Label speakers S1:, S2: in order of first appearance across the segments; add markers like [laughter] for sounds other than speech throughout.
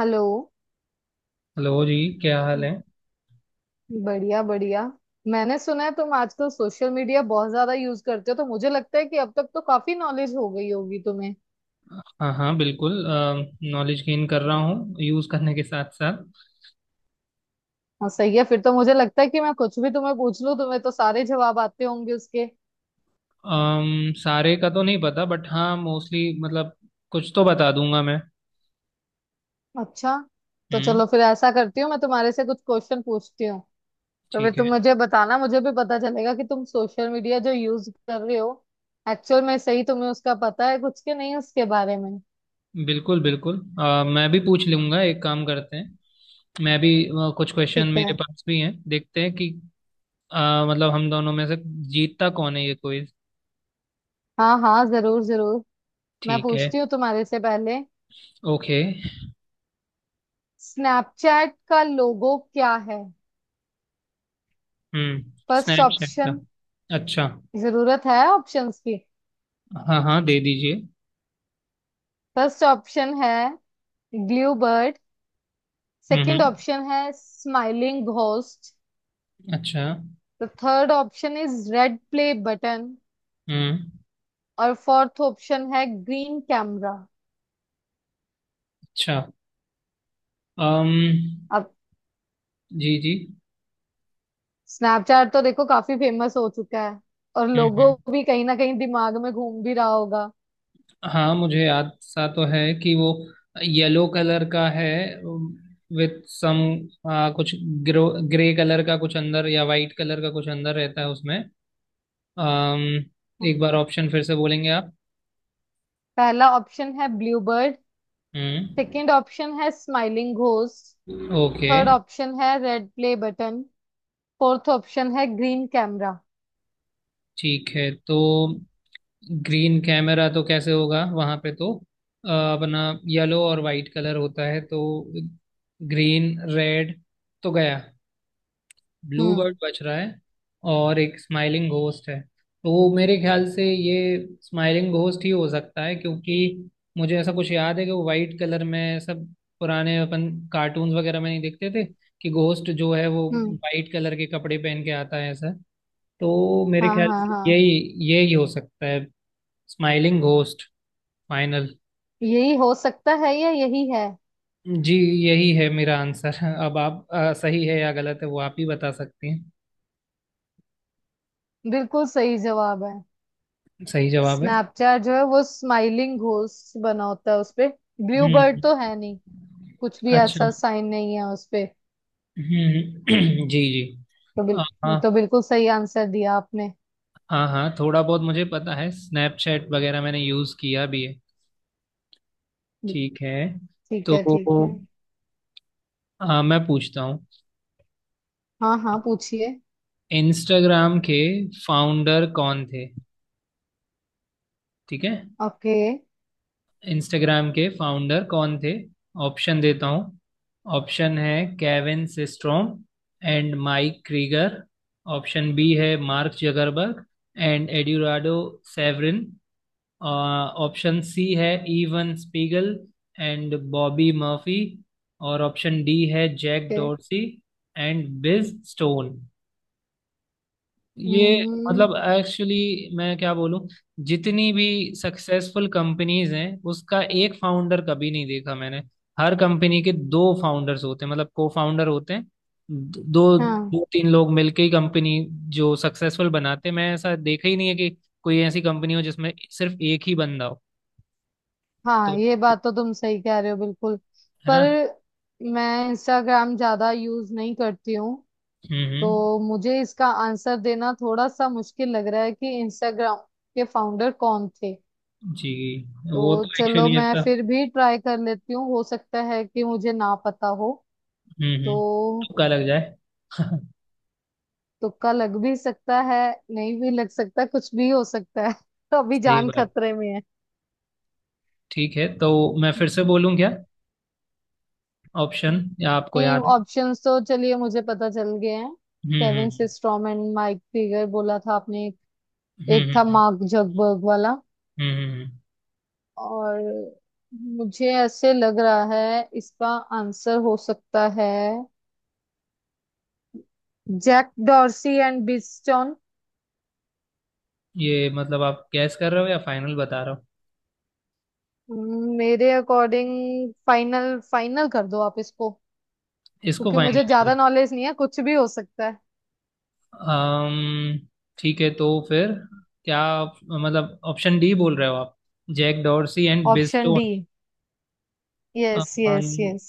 S1: Hello.
S2: Hello जी, क्या हाल है?
S1: बढ़िया बढ़िया। मैंने सुना है तुम आजकल सोशल मीडिया बहुत ज्यादा यूज करते हो, तो मुझे लगता है कि अब तक तो काफी नॉलेज हो गई होगी तुम्हें।
S2: हाँ हाँ, बिल्कुल। नॉलेज गेन कर रहा हूँ यूज़ करने के साथ साथ।
S1: हाँ सही है, फिर तो मुझे लगता है कि मैं कुछ भी तुम्हें पूछ लूं तुम्हें तो सारे जवाब आते होंगे उसके।
S2: सारे का तो नहीं पता, बट हाँ मोस्टली मतलब कुछ तो बता दूंगा मैं।
S1: अच्छा। तो
S2: हम्म,
S1: चलो फिर ऐसा करती हूँ, मैं तुम्हारे से कुछ क्वेश्चन पूछती हूँ। तो फिर
S2: ठीक है।
S1: तुम मुझे बताना, मुझे भी पता चलेगा कि तुम सोशल मीडिया जो यूज कर रहे हो एक्चुअल में सही तुम्हें उसका पता है कुछ के नहीं उसके बारे में।
S2: बिल्कुल बिल्कुल। मैं भी पूछ लूंगा, एक काम करते हैं। मैं भी कुछ क्वेश्चन
S1: ठीक
S2: मेरे
S1: है।
S2: पास भी हैं, देखते हैं कि मतलब हम दोनों में से जीतता कौन है ये क्विज।
S1: हाँ हाँ जरूर जरूर। मैं
S2: ठीक है।
S1: पूछती हूँ तुम्हारे से पहले।
S2: ओके।
S1: स्नैपचैट का लोगो क्या है?
S2: हम्म।
S1: फर्स्ट
S2: स्नैपचैट का।
S1: ऑप्शन।
S2: अच्छा।
S1: जरूरत है ऑप्शंस की।
S2: हाँ हाँ, दे दीजिए।
S1: फर्स्ट ऑप्शन है blue bird.
S2: Hmm
S1: second
S2: hmm,
S1: option है स्माइलिंग घोस्ट।
S2: अच्छा।
S1: The third option is red play button.
S2: Hmm,
S1: और फोर्थ ऑप्शन है ग्रीन कैमरा।
S2: अच्छा। अम
S1: अब
S2: जी जी।
S1: स्नैपचैट तो देखो काफी फेमस हो चुका है, और लोगो
S2: हम्म।
S1: भी कहीं ना कहीं दिमाग में घूम भी रहा होगा।
S2: हाँ, मुझे याद सा तो है कि वो येलो कलर का है, विथ सम कुछ ग्रो ग्रे कलर का कुछ अंदर, या वाइट कलर का कुछ अंदर रहता है उसमें। अम एक बार ऑप्शन फिर से बोलेंगे आप?
S1: पहला ऑप्शन है blue bird.
S2: Hmm,
S1: second option है smiling ghost.
S2: Okay.
S1: Third option है red play button. Fourth option है ग्रीन कैमरा।
S2: ठीक है, तो ग्रीन कैमरा तो कैसे होगा, वहाँ पे तो अपना येलो और वाइट कलर होता है, तो ग्रीन रेड तो गया। ब्लू बर्ड
S1: हम्म
S2: बज रहा है, और एक स्माइलिंग घोस्ट है। तो मेरे ख्याल से ये स्माइलिंग घोस्ट ही हो सकता है, क्योंकि मुझे ऐसा कुछ याद है कि वो वाइट कलर में, सब पुराने अपन कार्टून्स वगैरह में नहीं देखते थे कि घोस्ट जो है वो
S1: हम्म।
S2: वाइट कलर के कपड़े पहन के आता है, ऐसा। तो मेरे
S1: हाँ
S2: ख्याल
S1: हाँ
S2: से
S1: हाँ।
S2: यही यही हो सकता है। Smiling ghost final.
S1: यही हो सकता है या यही है?
S2: जी, यही है मेरा आंसर। [laughs] अब आप सही है या गलत है वो आप ही बता सकती हैं।
S1: बिल्कुल सही जवाब है।
S2: सही जवाब है।
S1: स्नैपचैट जो है वो स्माइलिंग घोस्ट बना होता है उसपे। ब्लू
S2: हम्म
S1: बर्ड तो है नहीं।
S2: हम्म।
S1: कुछ भी
S2: अच्छा।
S1: ऐसा साइन नहीं है उसपे।
S2: [clears throat] जी जी। हाँ हाँ,
S1: तो बिल्कुल सही आंसर दिया आपने।
S2: हाँ हाँ, थोड़ा बहुत मुझे पता है, स्नैपचैट वगैरह मैंने यूज़ किया भी है। ठीक है,
S1: ठीक
S2: तो
S1: है ठीक है।
S2: हाँ मैं पूछता हूँ,
S1: हाँ हाँ पूछिए।
S2: इंस्टाग्राम के फाउंडर कौन थे? ठीक है।
S1: ओके।
S2: इंस्टाग्राम के फाउंडर कौन थे? ऑप्शन देता हूँ। ऑप्शन है Kevin Systrom and Mike Krieger. Option B है Mark Zuckerberg and Eduardo Saverin. Option C है Evan Spiegel and Bobby Murphy. और ऑप्शन डी है Jack
S1: okay.
S2: Dorsey and Bill Stone. ये
S1: हम्म।
S2: मतलब एक्चुअली, मैं क्या बोलूं, जितनी भी सक्सेसफुल कंपनीज हैं उसका एक फाउंडर कभी नहीं देखा मैंने। हर कंपनी के दो फाउंडर्स होते हैं, मतलब को फाउंडर होते हैं, दो
S1: हाँ
S2: दो तीन लोग मिलके ही कंपनी जो सक्सेसफुल बनाते हैं। मैं ऐसा देखा ही नहीं है कि कोई ऐसी कंपनी हो जिसमें सिर्फ एक ही बंदा हो। तो,
S1: हाँ ये बात तो तुम सही कह रहे हो बिल्कुल।
S2: है
S1: पर
S2: ना?
S1: मैं इंस्टाग्राम ज्यादा यूज नहीं करती हूँ,
S2: हम्म।
S1: तो मुझे इसका आंसर देना थोड़ा सा मुश्किल लग रहा है कि इंस्टाग्राम के फाउंडर कौन थे।
S2: जी। वो
S1: तो
S2: तो
S1: चलो
S2: एक्चुअली
S1: मैं
S2: ऐसा।
S1: फिर भी ट्राई कर लेती हूँ, हो सकता है कि मुझे ना पता हो।
S2: हम्म।
S1: तो
S2: तुक्का लग जाए। [laughs]
S1: तुक्का लग भी सकता है, नहीं भी लग सकता, कुछ भी हो सकता है। [laughs] तो अभी
S2: सही
S1: जान
S2: बात।
S1: खतरे में
S2: ठीक है, तो मैं फिर से बोलूं क्या
S1: है।
S2: ऑप्शन, या आपको
S1: नहीं,
S2: याद है?
S1: ऑप्शंस तो चलिए मुझे पता चल गए हैं।
S2: Hmm
S1: Kevin
S2: hmm
S1: Systrom and Mike Figer बोला था आपने।
S2: हम्म।
S1: एक था मार्क जगबर्ग वाला।
S2: हम्म, हम्म। हम्म, हम्म।
S1: और मुझे ऐसे लग रहा है इसका आंसर हो सकता है जैक डॉर्सी एंड बिस्टन।
S2: ये मतलब, आप गैस कर रहे हो या फाइनल बता रहे हो?
S1: मेरे अकॉर्डिंग फाइनल, फाइनल कर दो आप इसको,
S2: इसको
S1: क्योंकि
S2: फाइनल
S1: मुझे
S2: कर
S1: ज्यादा
S2: रहे
S1: नॉलेज नहीं है, कुछ भी हो सकता है।
S2: हो? ठीक है, तो फिर मतलब ऑप्शन डी बोल रहे हो आप? Jack Dorsey and Biz
S1: option D.
S2: Tone?
S1: Yes yes yes.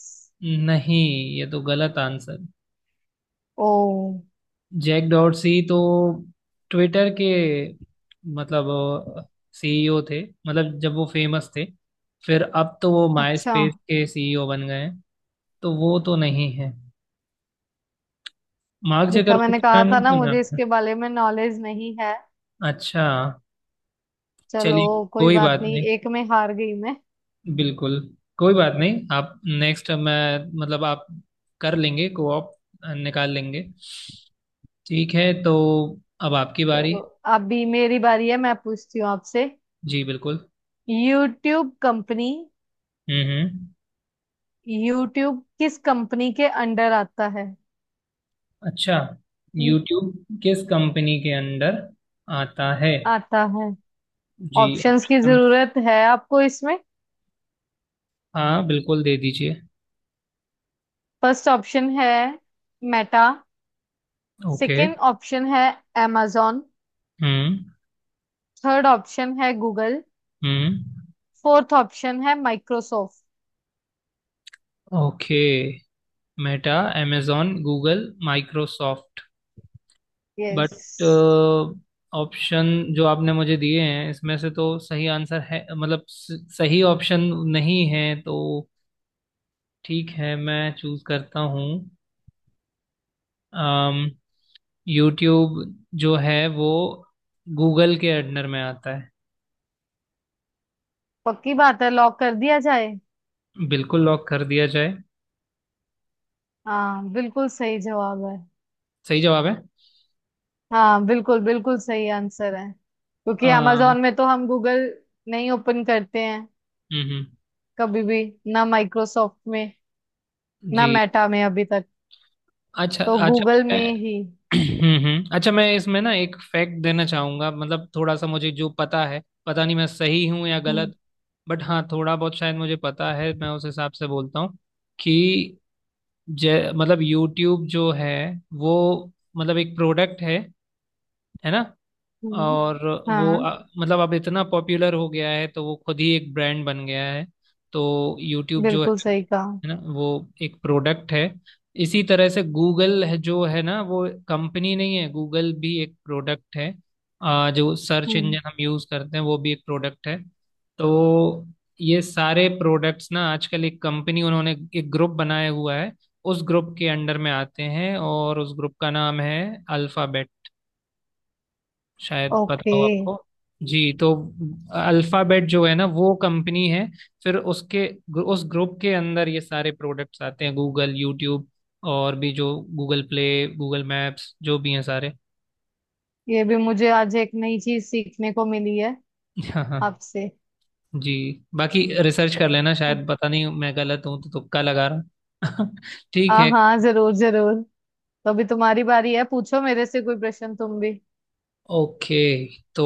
S2: नहीं, ये तो गलत आंसर।
S1: ओ।
S2: जैक डॉर्सी तो ट्विटर के मतलब सीईओ थे, मतलब जब वो फेमस थे, फिर अब तो वो माई
S1: अच्छा।
S2: स्पेस के सीईओ बन गए हैं। तो वो तो नहीं है। मार्क
S1: देखा,
S2: जकरबर्ग
S1: मैंने
S2: का
S1: कहा
S2: नाम
S1: था
S2: नहीं
S1: ना
S2: सुना
S1: मुझे
S2: आपने?
S1: इसके बारे में नॉलेज नहीं है।
S2: अच्छा,
S1: चलो,
S2: चलिए।
S1: कोई
S2: कोई
S1: बात
S2: बात
S1: नहीं,
S2: नहीं।
S1: एक में हार गई मैं।
S2: बिल्कुल, कोई बात नहीं, आप नेक्स्ट मैं मतलब आप कर लेंगे, कोऑप निकाल लेंगे। ठीक है, तो अब आपकी बारी।
S1: चलो, अभी मेरी बारी है, मैं पूछती हूँ आपसे।
S2: जी, बिल्कुल।
S1: YouTube company.
S2: हम्म।
S1: यूट्यूब किस कंपनी के अंडर आता है?
S2: अच्छा,
S1: हम्म,
S2: यूट्यूब किस कंपनी के अंदर आता है?
S1: आता है।
S2: जी
S1: ऑप्शंस की
S2: ऑप्शन।
S1: जरूरत है आपको इसमें?
S2: हाँ, बिल्कुल दे दीजिए।
S1: फर्स्ट ऑप्शन है मेटा।
S2: ओके।
S1: सेकंड ऑप्शन है amazon।
S2: हम्म
S1: थर्ड ऑप्शन है गूगल।
S2: हम्म।
S1: फोर्थ ऑप्शन है Microsoft.
S2: Okay, Meta, amazon, Google, Microsoft. But
S1: yes.
S2: Option जो आपने मुझे दिए हैं इसमें से तो सही आंसर है, मतलब सही ऑप्शन नहीं है तो? ठीक है, मैं चूज करता हूँ। Um, यूट्यूब जो है वो गूगल के अंडर में आता है।
S1: पक्की बात है, लॉक कर दिया जाए।
S2: बिल्कुल, लॉक कर दिया जाए।
S1: हाँ बिल्कुल सही जवाब है।
S2: सही जवाब है।
S1: हाँ बिल्कुल बिल्कुल सही आंसर है,
S2: अ,
S1: क्योंकि
S2: हम्म
S1: amazon में तो हम गूगल नहीं ओपन करते हैं
S2: हम्म,
S1: कभी भी। ना माइक्रोसॉफ्ट में, ना
S2: जी,
S1: मेटा में अभी तक।
S2: अच्छा
S1: तो
S2: अच्छा,
S1: गूगल में
S2: मैं
S1: ही।
S2: अच्छा, मैं इसमें ना एक फैक्ट देना चाहूंगा, मतलब थोड़ा सा मुझे जो पता है, पता नहीं मैं सही हूं या
S1: हम्म
S2: गलत, बट हाँ थोड़ा बहुत शायद मुझे पता है, मैं उस हिसाब से बोलता हूँ कि जय मतलब यूट्यूब जो है वो मतलब एक प्रोडक्ट है ना?
S1: हम्म।
S2: और वो
S1: हाँ
S2: मतलब अब इतना पॉपुलर हो गया है तो वो खुद ही एक ब्रांड बन गया है। तो यूट्यूब जो है
S1: बिल्कुल सही कहा।
S2: है ना, वो एक प्रोडक्ट है। इसी तरह से गूगल है जो है ना, वो कंपनी नहीं है, गूगल भी एक प्रोडक्ट है। जो सर्च
S1: हम्म।
S2: इंजन हम यूज करते हैं वो भी एक प्रोडक्ट है। तो ये सारे प्रोडक्ट्स ना आजकल एक कंपनी, उन्होंने एक ग्रुप बनाया हुआ है, उस ग्रुप के अंडर में आते हैं, और उस ग्रुप का नाम है अल्फाबेट, शायद
S1: ओके।
S2: पता हो आपको। जी, तो अल्फाबेट जो है ना वो कंपनी है, फिर उसके उस ग्रुप के अंदर ये सारे प्रोडक्ट्स आते हैं, गूगल, यूट्यूब, और भी जो गूगल प्ले, गूगल मैप्स, जो भी हैं सारे।
S1: ये भी मुझे आज एक नई चीज सीखने को मिली है
S2: [laughs] हाँ हाँ।
S1: आपसे।
S2: जी। बाकी रिसर्च कर लेना,
S1: हम्म।
S2: शायद, पता नहीं मैं गलत हूँ तो तुक्का लगा रहा हूँ। [laughs] ठीक
S1: हाँ
S2: है।
S1: हाँ जरूर जरूर। तो अभी तुम्हारी बारी है, पूछो मेरे से कोई प्रश्न तुम भी।
S2: ओके, तो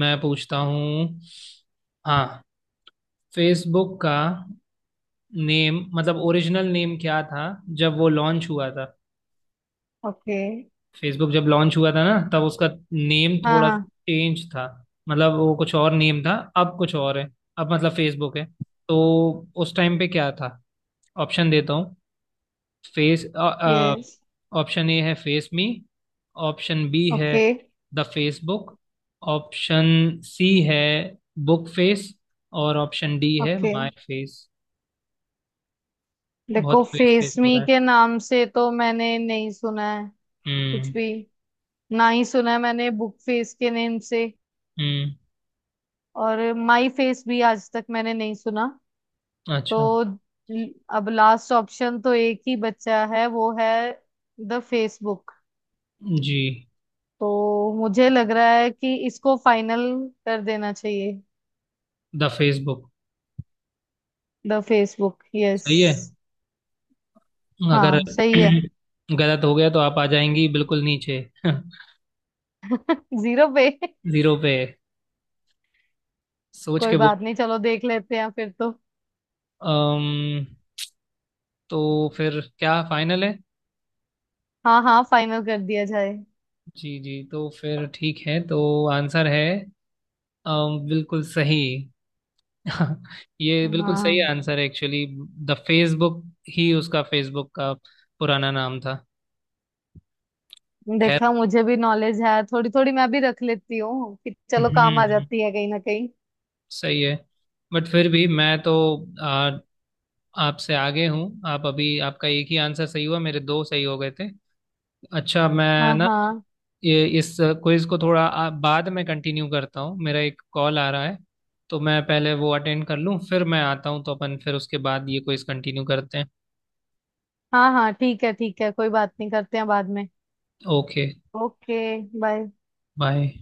S2: मैं पूछता हूँ, हाँ, फेसबुक का नेम मतलब ओरिजिनल नेम क्या था जब वो लॉन्च हुआ था?
S1: ओके।
S2: फेसबुक जब लॉन्च हुआ था ना तब उसका नेम
S1: हाँ
S2: थोड़ा सा
S1: हाँ।
S2: चेंज था, मतलब वो कुछ और नेम था, अब कुछ और है, अब मतलब फेसबुक है, तो उस टाइम पे क्या था? ऑप्शन देता हूँ। फेस।
S1: यस।
S2: ऑप्शन ए है फेस मी। ऑप्शन बी है
S1: okay.
S2: The Facebook. Option C है बुक फेस। और ऑप्शन डी है
S1: ओके।
S2: My face. बहुत
S1: देखो,
S2: फेस
S1: फेस
S2: फेस हो
S1: मी
S2: रहा है।
S1: के नाम से तो मैंने नहीं सुना है कुछ
S2: हम्म
S1: भी। ना ही सुना है मैंने बुक फेस के नेम से।
S2: हम्म,
S1: और माई फेस भी आज तक मैंने नहीं सुना।
S2: अच्छा।
S1: तो ल- अब लास्ट ऑप्शन तो एक ही बचा है, वो है द फेसबुक।
S2: जी,
S1: तो मुझे लग रहा है कि इसको फाइनल कर देना चाहिए।
S2: The Facebook,
S1: the Facebook, yes.
S2: सही है। अगर
S1: हाँ सही है।
S2: [clears throat] गलत हो गया तो आप आ जाएंगी बिल्कुल नीचे। [laughs]
S1: [laughs] जीरो पे।
S2: जीरो पे। सोच
S1: कोई
S2: के बोल।
S1: बात नहीं, चलो देख लेते हैं फिर तो।
S2: अम्म तो फिर क्या फाइनल है?
S1: हाँ हाँ फाइनल कर दिया जाए।
S2: जी जी, तो फिर ठीक है, तो आंसर है बिल्कुल सही। [laughs] ये बिल्कुल सही
S1: हाँ,
S2: आंसर है एक्चुअली, द फेसबुक ही उसका, फेसबुक का पुराना नाम था। खैर,
S1: देखा, मुझे भी नॉलेज है थोड़ी थोड़ी, मैं भी रख लेती हूँ कि चलो काम आ
S2: हम्म,
S1: जाती है कहीं ना कहीं।
S2: सही है। बट फिर भी मैं तो आ, आपसे आगे हूँ। आप अभी, आपका एक ही आंसर सही हुआ, मेरे दो सही हो गए थे। अच्छा, मैं
S1: हाँ
S2: ना
S1: हाँ।
S2: ये इस क्विज को थोड़ा बाद में कंटिन्यू करता हूँ, मेरा एक कॉल आ रहा है, तो मैं पहले वो अटेंड कर लूँ, फिर मैं आता हूँ, तो अपन फिर उसके बाद ये क्विज कंटिन्यू करते हैं।
S1: हाँ हाँ ठीक है ठीक है, कोई बात नहीं, करते हैं बाद में।
S2: ओके।
S1: ओके। बाय।
S2: बाय।